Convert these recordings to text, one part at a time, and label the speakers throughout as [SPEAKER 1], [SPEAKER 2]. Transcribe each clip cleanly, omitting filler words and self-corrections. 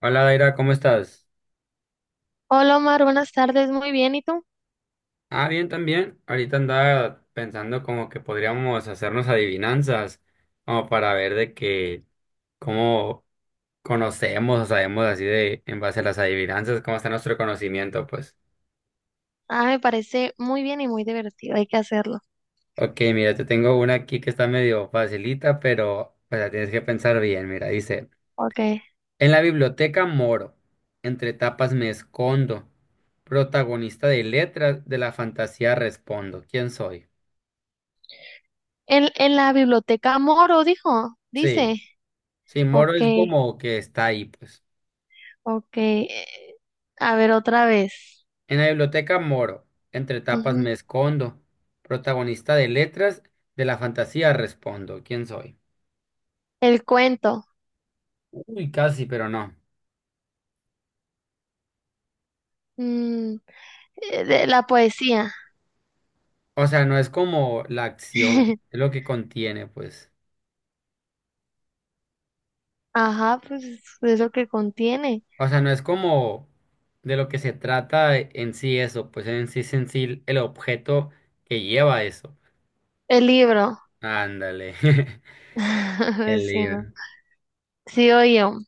[SPEAKER 1] Hola, Daira, ¿cómo estás?
[SPEAKER 2] Hola Omar, buenas tardes, muy bien, ¿y tú?
[SPEAKER 1] Ah, bien también. Ahorita andaba pensando como que podríamos hacernos adivinanzas, como para ver de que cómo conocemos o sabemos así de en base a las adivinanzas, cómo está nuestro conocimiento, pues.
[SPEAKER 2] Ah, me parece muy bien y muy divertido, hay que hacerlo.
[SPEAKER 1] Ok, mira, te tengo una aquí que está medio facilita, pero o sea, tienes que pensar bien. Mira, dice,
[SPEAKER 2] Ok.
[SPEAKER 1] en la biblioteca moro, entre tapas me escondo, protagonista de letras de la fantasía respondo. ¿Quién soy?
[SPEAKER 2] En la biblioteca Moro, dijo,
[SPEAKER 1] Sí.
[SPEAKER 2] dice.
[SPEAKER 1] Sí, moro
[SPEAKER 2] Ok,
[SPEAKER 1] es como que está ahí, pues.
[SPEAKER 2] ok. A ver, otra vez.
[SPEAKER 1] En la biblioteca moro, entre tapas
[SPEAKER 2] Ujú.
[SPEAKER 1] me escondo. Protagonista de letras, de la fantasía respondo. ¿Quién soy?
[SPEAKER 2] El cuento.
[SPEAKER 1] Uy, casi, pero no.
[SPEAKER 2] mm, de la poesía.
[SPEAKER 1] O sea, no es como la acción, es lo que contiene, pues.
[SPEAKER 2] Ajá, pues es lo que contiene.
[SPEAKER 1] O sea, no es como de lo que se trata en sí eso, pues en sí es en sí el objeto que lleva eso.
[SPEAKER 2] El libro.
[SPEAKER 1] Ándale, el
[SPEAKER 2] Sí, ¿no?
[SPEAKER 1] libro.
[SPEAKER 2] Sigo yo.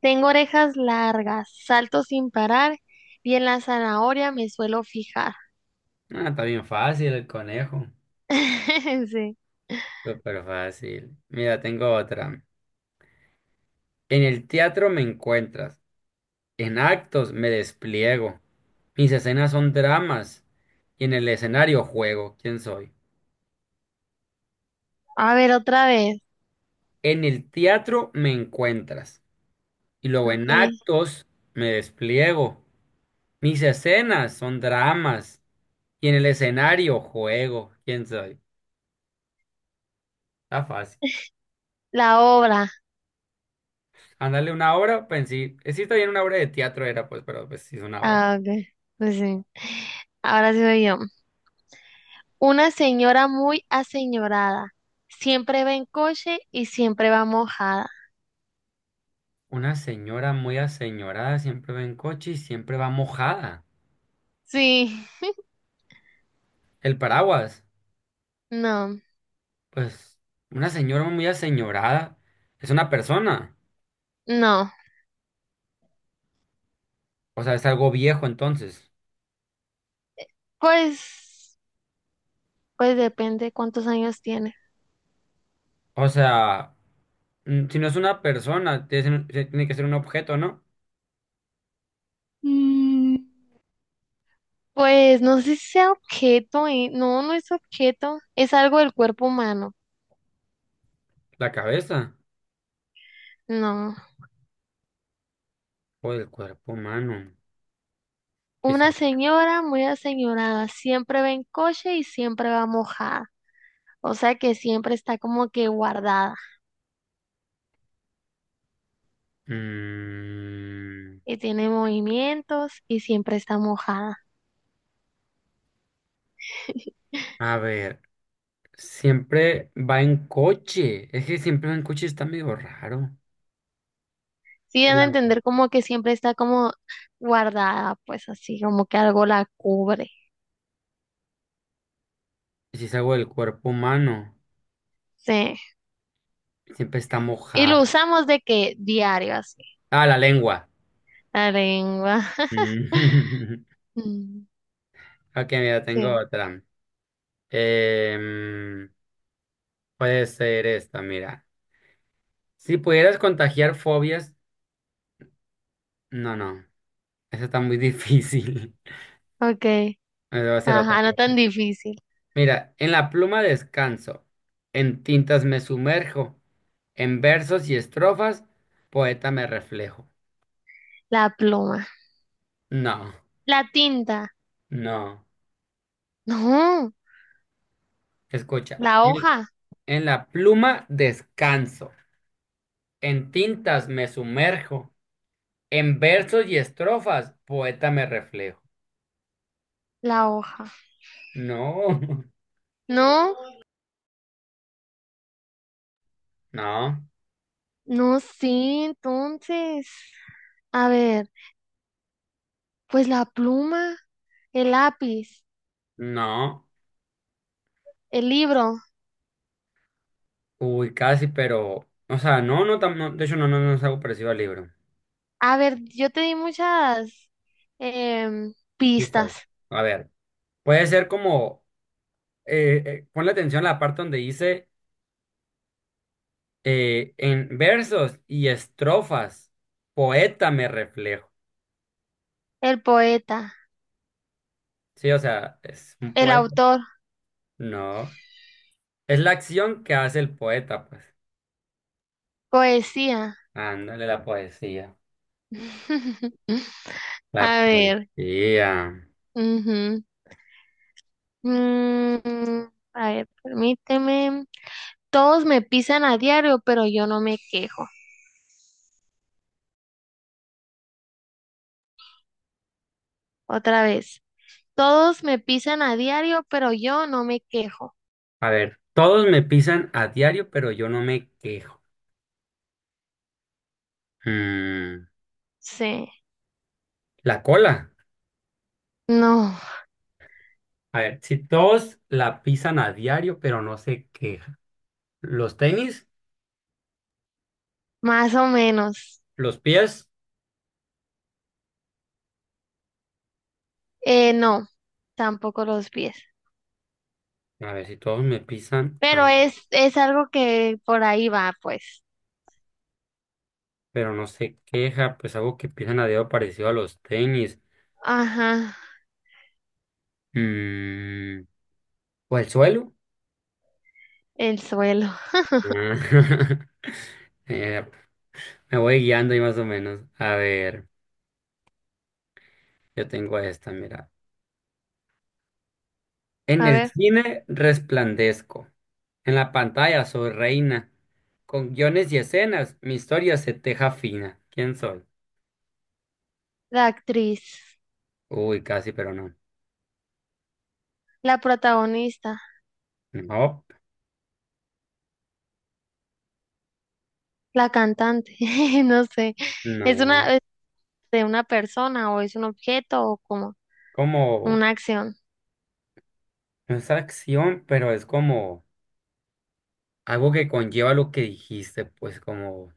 [SPEAKER 2] Tengo orejas largas, salto sin parar y en la zanahoria me suelo fijar.
[SPEAKER 1] Ah, está bien fácil el conejo.
[SPEAKER 2] Sí.
[SPEAKER 1] Súper fácil. Mira, tengo otra. En el teatro me encuentras, en actos me despliego, mis escenas son dramas y en el escenario juego, ¿quién soy?
[SPEAKER 2] A ver, otra vez.
[SPEAKER 1] En el teatro me encuentras y luego en
[SPEAKER 2] Okay.
[SPEAKER 1] actos me despliego, mis escenas son dramas y en el escenario juego, ¿quién soy? Está fácil.
[SPEAKER 2] La obra.
[SPEAKER 1] Ándale, una obra, pensé, sí, sí está bien, una obra de teatro era pues, pero pues sí es una obra.
[SPEAKER 2] Ah, ok. Pues sí. Ahora sí voy yo. Una señora muy aseñorada. Siempre va en coche y siempre va mojada.
[SPEAKER 1] Una señora muy aseñorada siempre va en coche y siempre va mojada.
[SPEAKER 2] Sí.
[SPEAKER 1] El paraguas.
[SPEAKER 2] No,
[SPEAKER 1] Pues una señora muy aseñorada es una persona,
[SPEAKER 2] no.
[SPEAKER 1] o sea, es algo viejo entonces.
[SPEAKER 2] Pues, pues depende cuántos años tiene.
[SPEAKER 1] O sea, si no es una persona, tiene que ser tiene que ser un objeto, ¿no?
[SPEAKER 2] Mm, Pues no sé si sea objeto, no, no es objeto, es algo del cuerpo humano.
[SPEAKER 1] La cabeza
[SPEAKER 2] No.
[SPEAKER 1] o el cuerpo humano. Que sí.
[SPEAKER 2] Una señora muy aseñorada, siempre va en coche y siempre va mojada. O sea que siempre está como que guardada
[SPEAKER 1] Mm,
[SPEAKER 2] y tiene movimientos y siempre está mojada.
[SPEAKER 1] a ver, siempre va en coche. Es que siempre va en coche está medio raro.
[SPEAKER 2] Sí, dan
[SPEAKER 1] El
[SPEAKER 2] a
[SPEAKER 1] agua.
[SPEAKER 2] entender como que siempre está como guardada, pues así, como que algo la cubre.
[SPEAKER 1] Si es algo del cuerpo humano,
[SPEAKER 2] Sí.
[SPEAKER 1] siempre está
[SPEAKER 2] Y lo
[SPEAKER 1] mojada.
[SPEAKER 2] usamos de que diario así.
[SPEAKER 1] Ah, la lengua.
[SPEAKER 2] La lengua.
[SPEAKER 1] Mm.
[SPEAKER 2] Mm.
[SPEAKER 1] Ok, mira, tengo
[SPEAKER 2] Sí.
[SPEAKER 1] otra. Em, Puede ser esta, mira. Si pudieras contagiar fobias, no, no, eso está muy difícil.
[SPEAKER 2] Okay.
[SPEAKER 1] Me va a ser otra.
[SPEAKER 2] Ajá, no tan difícil.
[SPEAKER 1] Mira, en la pluma descanso, en tintas me sumerjo, en versos y estrofas, poeta me reflejo.
[SPEAKER 2] La pluma.
[SPEAKER 1] No,
[SPEAKER 2] La tinta.
[SPEAKER 1] no,
[SPEAKER 2] No,
[SPEAKER 1] escucha.
[SPEAKER 2] la hoja.
[SPEAKER 1] En la pluma descanso, en tintas me sumerjo, en versos y estrofas, poeta me reflejo.
[SPEAKER 2] La hoja.
[SPEAKER 1] No,
[SPEAKER 2] No,
[SPEAKER 1] no.
[SPEAKER 2] no, sí, entonces. A ver, pues la pluma. El lápiz,
[SPEAKER 1] No,
[SPEAKER 2] el libro.
[SPEAKER 1] uy, casi, pero, o sea, no, no, no, de hecho, no, no, no es algo parecido al libro.
[SPEAKER 2] A ver, yo te di muchas
[SPEAKER 1] Quizás.
[SPEAKER 2] pistas.
[SPEAKER 1] A ver, puede ser como, ponle atención a la parte donde dice, en versos y estrofas, poeta me reflejo.
[SPEAKER 2] El poeta,
[SPEAKER 1] Sí, o sea, es un
[SPEAKER 2] el
[SPEAKER 1] poeta.
[SPEAKER 2] autor,
[SPEAKER 1] No, es la acción que hace el poeta, pues.
[SPEAKER 2] poesía.
[SPEAKER 1] Ándale, la poesía. La
[SPEAKER 2] A ver.
[SPEAKER 1] poesía.
[SPEAKER 2] Ujú. Mm, a ver, permíteme. Todos me pisan a diario, pero yo no me quejo. Otra vez. Todos me pisan a diario, pero yo no me quejo.
[SPEAKER 1] A ver, todos me pisan a diario, pero yo no me quejo. Mm,
[SPEAKER 2] Sí.
[SPEAKER 1] la cola.
[SPEAKER 2] No,
[SPEAKER 1] A ver, si todos la pisan a diario, pero no se quejan. Los tenis,
[SPEAKER 2] más o menos.
[SPEAKER 1] los pies.
[SPEAKER 2] No, tampoco los pies.
[SPEAKER 1] A ver, si todos me pisan,
[SPEAKER 2] Pero es algo que por ahí va, pues.
[SPEAKER 1] pero no se queja, pues algo que pisan a diario parecido a los tenis.
[SPEAKER 2] Ajá,
[SPEAKER 1] Mm, o el suelo.
[SPEAKER 2] el suelo.
[SPEAKER 1] Ah, Eh, me voy guiando ahí más o menos. A ver, yo tengo esta, mira. En
[SPEAKER 2] A
[SPEAKER 1] el
[SPEAKER 2] ver,
[SPEAKER 1] cine resplandezco. En la pantalla soy reina. Con guiones y escenas, mi historia se teja fina. ¿Quién soy?
[SPEAKER 2] la actriz,
[SPEAKER 1] Uy, casi, pero no.
[SPEAKER 2] la protagonista,
[SPEAKER 1] No,
[SPEAKER 2] la cantante, no sé. ¿Es
[SPEAKER 1] no.
[SPEAKER 2] una, es de una persona o es un objeto o como
[SPEAKER 1] Como,
[SPEAKER 2] una acción?
[SPEAKER 1] no es acción, pero es como algo que conlleva lo que dijiste, pues como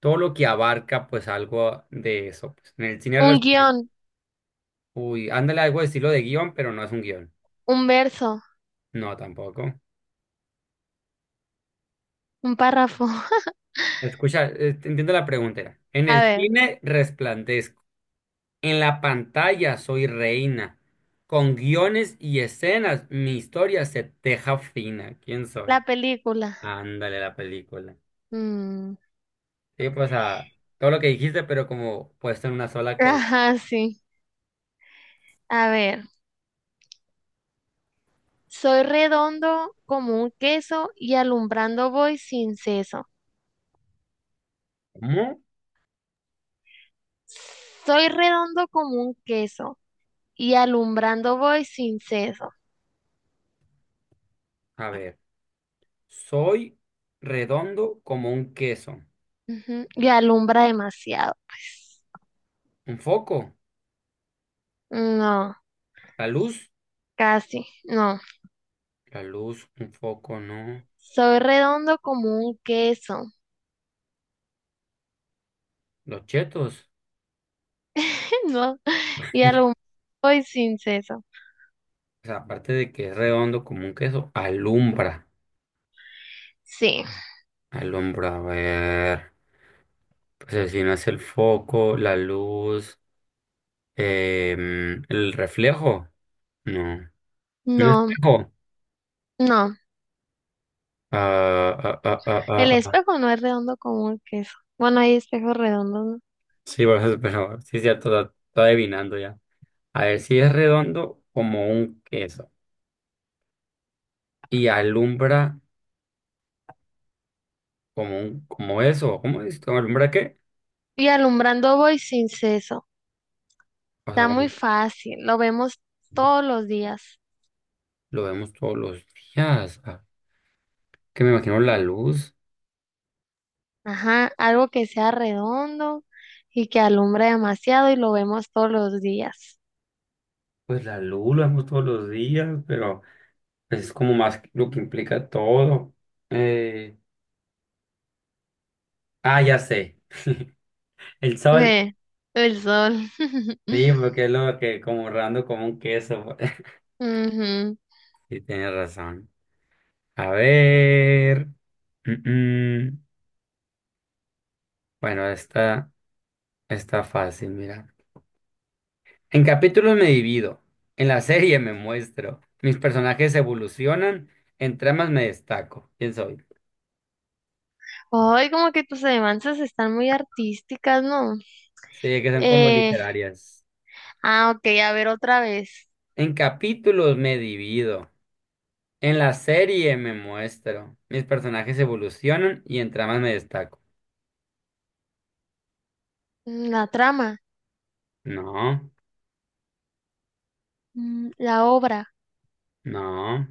[SPEAKER 1] todo lo que abarca, pues algo de eso, pues. En el cine
[SPEAKER 2] Un
[SPEAKER 1] Resplandor.
[SPEAKER 2] guión,
[SPEAKER 1] Uy, ándale algo de estilo de guión, pero no es un guión.
[SPEAKER 2] un verso,
[SPEAKER 1] No, tampoco.
[SPEAKER 2] un párrafo.
[SPEAKER 1] Escucha, te entiendo la pregunta. Era, en
[SPEAKER 2] A
[SPEAKER 1] el
[SPEAKER 2] ver,
[SPEAKER 1] cine resplandezco. En la pantalla soy reina. Con guiones y escenas, mi historia se teja fina. ¿Quién soy?
[SPEAKER 2] la película.
[SPEAKER 1] Ándale, la película.
[SPEAKER 2] Mm.
[SPEAKER 1] Sí, pues a todo lo que dijiste, pero como puesto en una sola cosa.
[SPEAKER 2] Ajá, sí. A ver, soy redondo como un queso y alumbrando voy sin seso.
[SPEAKER 1] ¿Cómo?
[SPEAKER 2] Soy redondo como un queso y alumbrando voy sin ceso.
[SPEAKER 1] A ver, soy redondo como un queso.
[SPEAKER 2] Ujú, y alumbra demasiado, pues.
[SPEAKER 1] ¿Un foco?
[SPEAKER 2] No,
[SPEAKER 1] ¿La luz?
[SPEAKER 2] casi, no.
[SPEAKER 1] La luz, un foco, no.
[SPEAKER 2] Soy redondo como un queso.
[SPEAKER 1] Los chetos.
[SPEAKER 2] No, y alumbra voy sin ceso.
[SPEAKER 1] O sea, aparte de que es redondo como un queso, alumbra.
[SPEAKER 2] Sí,
[SPEAKER 1] Alumbra, a ver. Pues el si no es el foco, la luz, el reflejo. No. ¿Un
[SPEAKER 2] no,
[SPEAKER 1] espejo?
[SPEAKER 2] no.
[SPEAKER 1] Ah, ah, ah, ah,
[SPEAKER 2] El
[SPEAKER 1] ah.
[SPEAKER 2] espejo no es redondo como un queso. Bueno, hay espejos redondos, ¿no?
[SPEAKER 1] Sí, por eso, pero sí, cierto, está estoy adivinando ya. A ver, si es redondo como un queso y alumbra como como eso, ¿cómo es? ¿Cómo alumbra qué?
[SPEAKER 2] Y alumbrando voy sin ceso.
[SPEAKER 1] O sea,
[SPEAKER 2] Está muy
[SPEAKER 1] como
[SPEAKER 2] fácil, lo vemos todos los días.
[SPEAKER 1] lo vemos todos los días. Ah, que me imagino la luz.
[SPEAKER 2] Ajá, algo que sea redondo y que alumbre demasiado y lo vemos todos los días.
[SPEAKER 1] Pues la luz la vemos todos los días, pero pues, es como más lo que implica todo. Eh, ah, ya sé. El sol.
[SPEAKER 2] Ve, el sol.
[SPEAKER 1] Sí, porque es lo que como redondo como un queso.
[SPEAKER 2] Ujú.
[SPEAKER 1] Sí, tienes razón. A ver. Mm, mm. Bueno, esta está fácil, mira. En capítulos me divido, en la serie me muestro, mis personajes evolucionan, en tramas me destaco. ¿Quién soy?
[SPEAKER 2] Ay, como que tus adivinanzas están muy artísticas, ¿no?
[SPEAKER 1] Sí, que son como
[SPEAKER 2] Eh,
[SPEAKER 1] literarias.
[SPEAKER 2] ok, a ver otra vez.
[SPEAKER 1] En capítulos me divido, en la serie me muestro, mis personajes evolucionan y en tramas me destaco.
[SPEAKER 2] La trama,
[SPEAKER 1] No,
[SPEAKER 2] la obra,
[SPEAKER 1] no.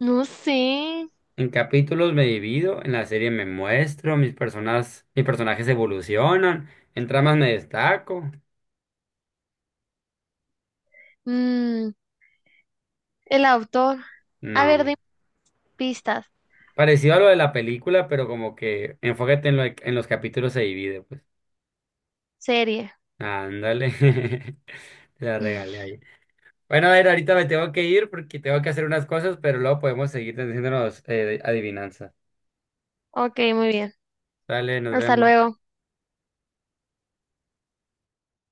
[SPEAKER 2] no sé,
[SPEAKER 1] En capítulos me divido, en la serie me muestro, mis personajes evolucionan, en tramas me destaco.
[SPEAKER 2] mm, el autor. A
[SPEAKER 1] No,
[SPEAKER 2] ver, dime pistas,
[SPEAKER 1] parecido a lo de la película, pero como que enfócate en, lo, en los capítulos se divide, pues.
[SPEAKER 2] serie.
[SPEAKER 1] Ándale, te la regalé ahí. Bueno, a ver, ahorita me tengo que ir porque tengo que hacer unas cosas, pero luego podemos seguir haciéndonos adivinanzas.
[SPEAKER 2] Ok, muy bien.
[SPEAKER 1] Dale, nos
[SPEAKER 2] Hasta
[SPEAKER 1] vemos.
[SPEAKER 2] luego.